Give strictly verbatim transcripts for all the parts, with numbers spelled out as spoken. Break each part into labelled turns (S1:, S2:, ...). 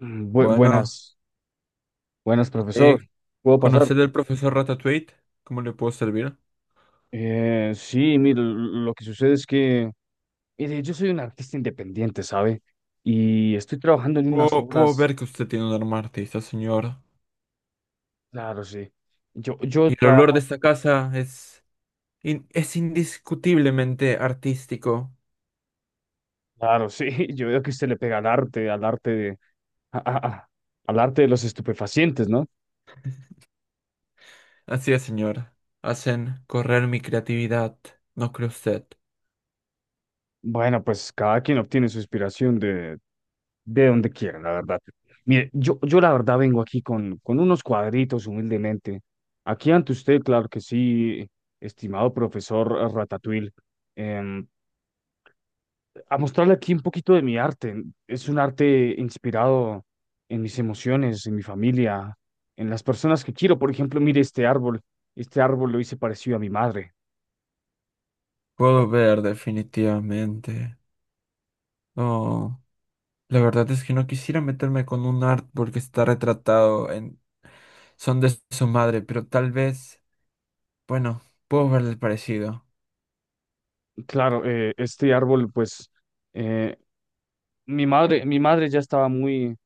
S1: Mm, bu-
S2: Bueno,
S1: buenas, buenas, profesor.
S2: eh,
S1: ¿Puedo pasar?
S2: ¿conocer al profesor Ratatouille? ¿Cómo le puedo servir?
S1: Eh, sí, mire, l- lo que sucede es que, mire, yo soy un artista independiente, ¿sabe? Y estoy trabajando en unas
S2: Puedo, puedo
S1: obras,
S2: ver que usted tiene un alma artista, señor.
S1: claro, sí. Yo, yo
S2: Y el olor de
S1: trabajo,
S2: esta casa es, in- es indiscutiblemente artístico.
S1: claro, sí. Yo veo que usted le pega al arte, al arte de, a- a- a- al arte de los estupefacientes, ¿no?
S2: Así es, señor. Hacen correr mi creatividad, ¿no cree usted?
S1: Bueno, pues cada quien obtiene su inspiración de, de donde quiera, la verdad. Mire, yo, yo la verdad vengo aquí con, con unos cuadritos humildemente. Aquí ante usted, claro que sí, estimado profesor Ratatouille, em, a mostrarle aquí un poquito de mi arte. Es un arte inspirado en mis emociones, en mi familia, en las personas que quiero. Por ejemplo, mire este árbol. Este árbol lo hice parecido a mi madre.
S2: Puedo ver, definitivamente. Oh, la verdad es que no quisiera meterme con un artwork que está retratado en Son de su madre, pero tal vez, bueno, puedo ver el parecido.
S1: Claro, eh, este árbol, pues... eh, Mi madre, mi madre ya estaba muy,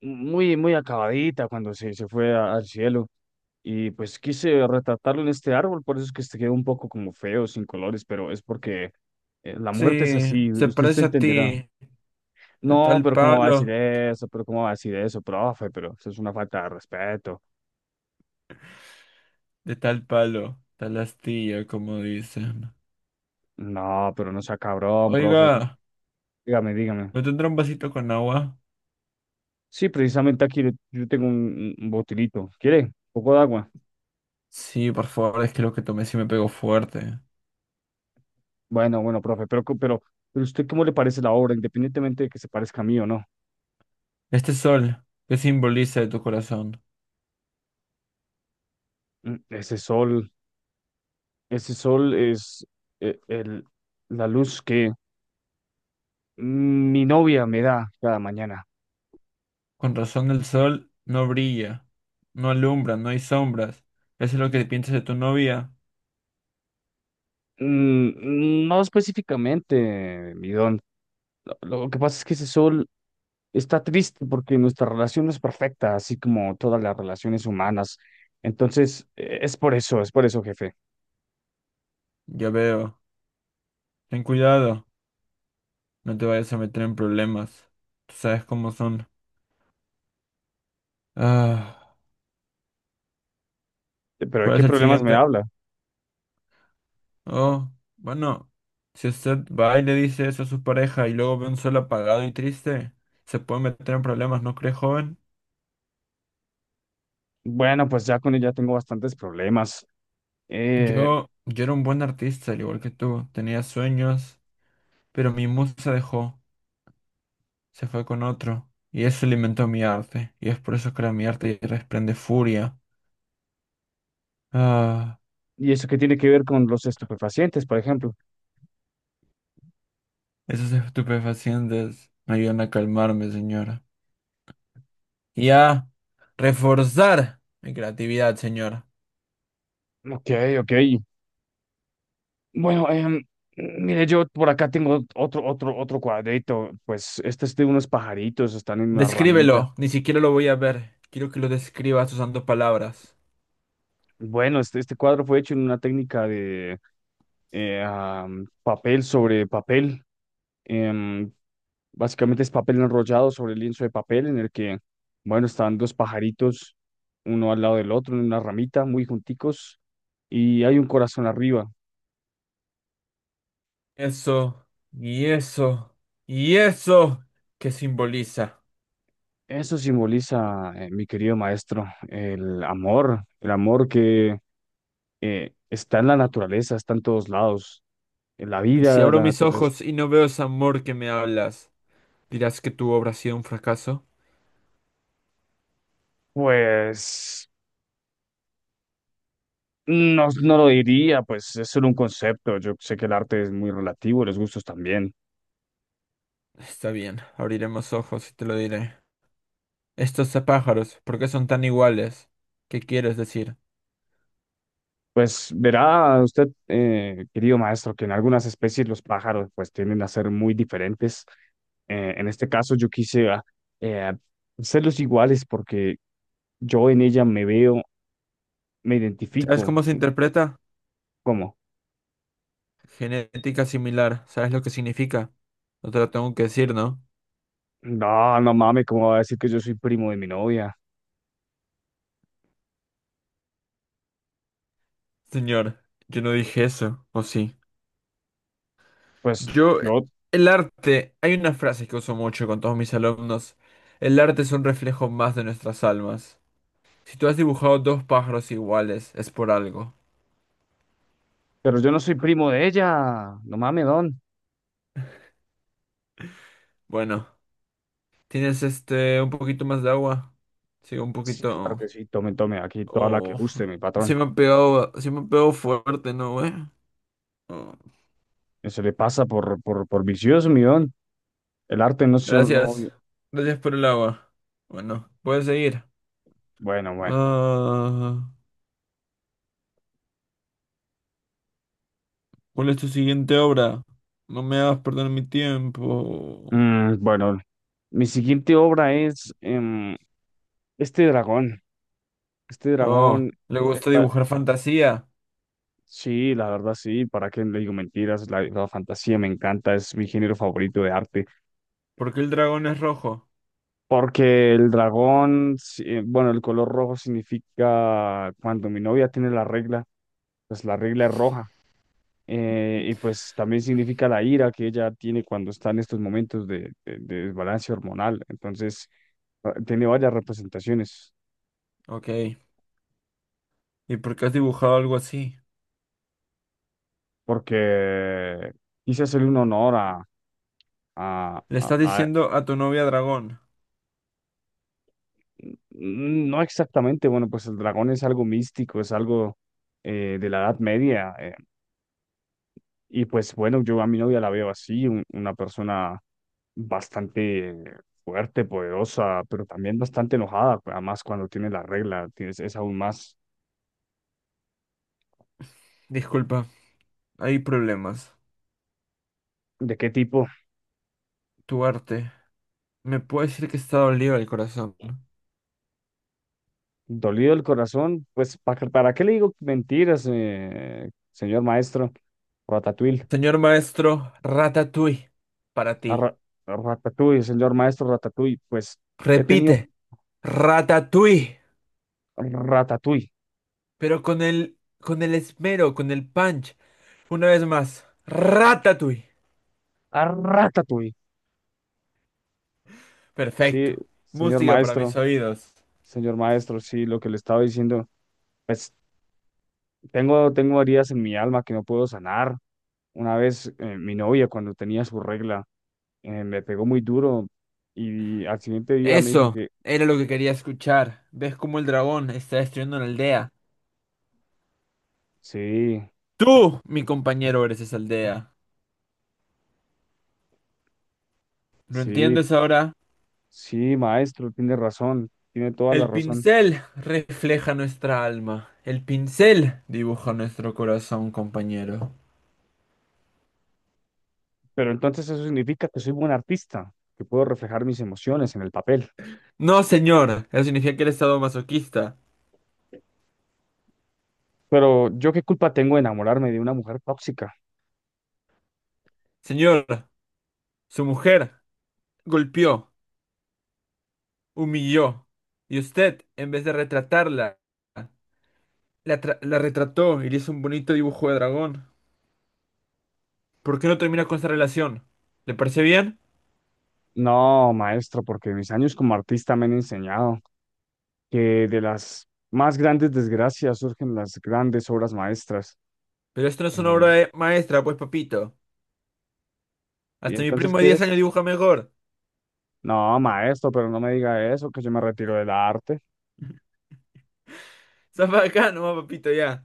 S1: muy, muy acabadita cuando se, se fue a- al cielo. Y pues quise retratarlo en este árbol, por eso es que se quedó un poco como feo, sin colores, pero es porque eh, la muerte es
S2: Sí,
S1: así,
S2: se
S1: usted se
S2: parece a
S1: entenderá.
S2: ti, de
S1: No,
S2: tal
S1: pero ¿cómo va a decir
S2: palo,
S1: eso? ¿Pero cómo va a decir eso, profe? Pero eso es una falta de respeto.
S2: de tal palo, tal astilla, como dicen.
S1: No, pero no sea cabrón, profe.
S2: Oiga,
S1: Dígame, dígame.
S2: ¿me tendrá un vasito con agua?
S1: Sí, precisamente aquí le- yo tengo un, un un botilito. ¿Quiere? Un poco de agua.
S2: Sí, por favor, es que lo que tomé sí me pegó fuerte.
S1: Bueno, bueno, profe, pero, co- pero, pero ¿usted cómo le parece la obra, independientemente de que se parezca a mí o no?
S2: Este sol, ¿qué simboliza de tu corazón?
S1: Mm, Ese sol, ese sol es eh, el, la luz que mm, mi novia me da cada mañana.
S2: Con razón el sol no brilla, no alumbra, no hay sombras. ¿Eso es lo que piensas de tu novia?
S1: Mm, No específicamente, mi don. Lo, lo que pasa es que ese sol está triste porque nuestra relación no es perfecta, así como todas las relaciones humanas. Entonces, eh, es por eso, es por eso, jefe.
S2: Ya veo. Ten cuidado, no te vayas a meter en problemas. Tú sabes cómo son. Ah,
S1: Eh, Pero ¿de
S2: ¿cuál es
S1: qué
S2: el
S1: problemas me
S2: siguiente?
S1: habla?
S2: Oh, bueno, si usted va y le dice eso a su pareja y luego ve un sol apagado y triste, se puede meter en problemas, ¿no cree, joven?
S1: Bueno, pues ya con ella tengo bastantes problemas. Eh,
S2: Yo, yo era un buen artista, al igual que tú, tenía sueños, pero mi musa dejó, se fue con otro, y eso alimentó mi arte, y es por eso que ahora mi arte desprende furia. Ah,
S1: ¿Y eso qué tiene que ver con los estupefacientes, por ejemplo?
S2: esos estupefacientes me ayudan a calmarme, señora. Y a reforzar mi creatividad, señora.
S1: Ok, ok. Bueno, em, mire, yo por acá tengo otro, otro, otro cuadrito. Pues este es de unos pajaritos, están en una ramita.
S2: Descríbelo, ni siquiera lo voy a ver. Quiero que lo describas usando palabras.
S1: Bueno, este, este cuadro fue hecho en una técnica de eh, am, papel sobre papel. Em, Básicamente es papel enrollado sobre lienzo de papel en el que, bueno, están dos pajaritos, uno al lado del otro, en una ramita, muy junticos, y hay un corazón arriba.
S2: Eso, y eso, y eso, ¿qué simboliza?
S1: Eso simboliza, eh, mi querido maestro, el amor, el amor que eh, está en la naturaleza, está en todos lados, en la
S2: Y si
S1: vida,
S2: abro
S1: la
S2: mis
S1: naturaleza.
S2: ojos y no veo ese amor que me hablas, ¿dirás que tu obra ha sido un fracaso?
S1: Pues no, no lo diría, pues es solo un concepto. Yo sé que el arte es muy relativo, los gustos también.
S2: Está bien, abriremos ojos y te lo diré. Estos pájaros, ¿por qué son tan iguales? ¿Qué quieres decir?
S1: Pues verá usted, eh, querido maestro, que en algunas especies los pájaros pues tienden a ser muy diferentes. Eh, en este caso yo quise ah, eh, hacerlos iguales porque yo en ella me veo me
S2: ¿Sabes
S1: identifico.
S2: cómo se interpreta?
S1: ¿Cómo?
S2: Genética similar, ¿sabes lo que significa? No te lo tengo que decir, ¿no?
S1: No, no mames, ¿cómo va a decir que yo soy primo de mi novia?
S2: Señor, yo no dije eso, ¿o sí?
S1: Pues
S2: Yo,
S1: yo,
S2: el arte, hay una frase que uso mucho con todos mis alumnos. El arte es un reflejo más de nuestras almas. Si tú has dibujado dos pájaros iguales, es por algo.
S1: pero yo no soy primo de ella. No mames, don.
S2: Bueno, ¿tienes este un poquito más de agua? Sí, un
S1: Sí, claro que
S2: poquito.
S1: sí, tome, tome, aquí toda la que
S2: Oh,
S1: guste, mi
S2: se
S1: patrón.
S2: me ha pegado, se me ha pegado fuerte, ¿no, güey? Oh,
S1: Eso le pasa por, por, por vicioso, mi don. El arte no es solo...
S2: gracias.
S1: no-
S2: Gracias por el agua. Bueno, puedes seguir.
S1: Bueno, bueno.
S2: Ah, ¿cuál es tu siguiente obra? No me hagas perder mi tiempo.
S1: Mm, bueno, mi siguiente obra es em, este dragón. Este
S2: Oh,
S1: dragón
S2: le gusta
S1: está...
S2: dibujar fantasía.
S1: Sí, la verdad sí, para qué le digo mentiras, la la fantasía me encanta, es mi género favorito de arte.
S2: ¿Por qué el dragón es rojo?
S1: Porque el dragón, sí, eh, bueno, el color rojo significa cuando mi novia tiene la regla, pues la regla es roja. Eh, y pues también significa la ira que ella tiene cuando está en estos momentos de, de, de desbalance hormonal. Entonces, ah, tiene varias representaciones,
S2: Ok. ¿Y por qué has dibujado algo así?
S1: porque quise hacerle un honor a, a,
S2: Le
S1: a-
S2: estás
S1: a-
S2: diciendo a tu novia dragón.
S1: mm, no exactamente, bueno, pues el dragón es algo místico, es algo eh, de la Edad Media. eh, Y pues bueno, yo a mi novia la veo así, un- una persona bastante fuerte, poderosa, pero también bastante enojada, además cuando tiene la regla, tienes, es aún más.
S2: Disculpa, hay problemas.
S1: ¿De qué tipo?
S2: Tu arte. Me puede decir que está dolido el corazón.
S1: Dolido el corazón, pues ¿para, para qué le digo mentiras, eh, señor maestro? Ratatouille,
S2: Señor maestro, Ratatouille. Para ti.
S1: a ra- Ratatouille, señor maestro Ratatouille, pues he
S2: Repite,
S1: tenido
S2: Ratatouille.
S1: Ratatouille,
S2: Pero con el, con el esmero, con el punch. Una vez más, Ratatouille.
S1: a Ratatouille. Sí,
S2: Perfecto.
S1: señor
S2: Música para mis
S1: maestro,
S2: oídos.
S1: señor maestro, sí, lo que le estaba diciendo. Pues, Tengo, tengo heridas en mi alma que no puedo sanar. Una vez eh, mi novia, cuando tenía su regla, eh, me pegó muy duro y al siguiente día me dijo
S2: Eso
S1: que
S2: era lo que quería escuchar. ¿Ves cómo el dragón está destruyendo una aldea?
S1: sí,
S2: Tú, mi compañero, eres esa aldea. ¿Lo
S1: sí,
S2: entiendes ahora?
S1: sí, maestro, tiene razón, tiene toda la
S2: El
S1: razón.
S2: pincel refleja nuestra alma. El pincel dibuja nuestro corazón, compañero.
S1: Pero entonces eso significa que soy buen artista, que puedo reflejar mis emociones en el papel.
S2: No, señor. Eso significa que eres masoquista.
S1: Pero yo qué culpa tengo de enamorarme de una mujer tóxica.
S2: Señor, su mujer golpeó, humilló. Y usted, en vez de retratarla, la, tra- la retrató y le hizo un bonito dibujo de dragón. ¿Por qué no termina con esta relación? ¿Le parece bien?
S1: No, maestro, porque mis años como artista me han enseñado que de las más grandes desgracias surgen las grandes obras maestras.
S2: Pero esto no es una obra
S1: Eh,
S2: de- maestra, pues, papito.
S1: ¿Y
S2: Hasta mi
S1: entonces
S2: primo de
S1: qué
S2: diez años
S1: es?
S2: dibuja mejor.
S1: No, maestro, pero no me diga eso, que yo me retiro del arte.
S2: Zafa de acá nomás, papito, ya.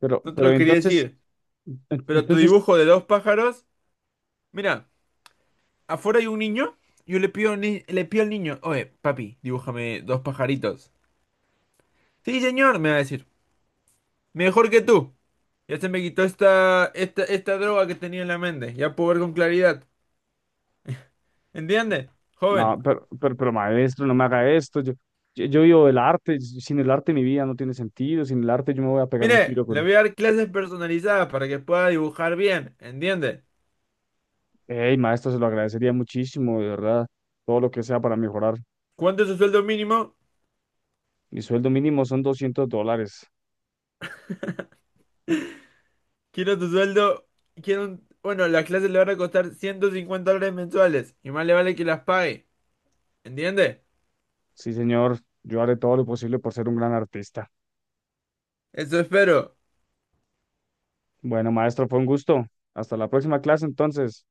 S1: Pero,
S2: No te
S1: pero
S2: lo quería
S1: entonces,
S2: decir.
S1: En-
S2: Pero tu
S1: Entonces,
S2: dibujo de dos pájaros. Mira, afuera hay un niño. Yo le pido, al ni- le pido al niño, oye, papi, dibújame dos pajaritos. Sí, señor, me va a decir. Mejor que tú. Ya se me quitó esta, esta, esta droga que tenía en la mente. Ya puedo ver con claridad. ¿Entiende? Joven.
S1: no, pero, pero, pero maestro, no me haga esto. Yo, yo, yo vivo del arte. Sin el arte mi vida no tiene sentido. Sin el arte yo me voy a pegar un
S2: Mire,
S1: tiro
S2: le
S1: con...
S2: voy a dar clases personalizadas para que pueda dibujar bien, ¿entiende?
S1: Hey, maestro, se lo agradecería muchísimo, de verdad. Todo lo que sea para mejorar.
S2: ¿Cuánto es su sueldo mínimo?
S1: Mi sueldo mínimo son doscientos dólares.
S2: Quiero tu sueldo, quiero un... Bueno, las clases le van a costar ciento cincuenta dólares mensuales y más le vale que las pague, ¿entiende?
S1: Sí, señor. Yo haré todo lo posible por ser un gran artista.
S2: Eso espero.
S1: Bueno, maestro, fue un gusto. Hasta la próxima clase, entonces.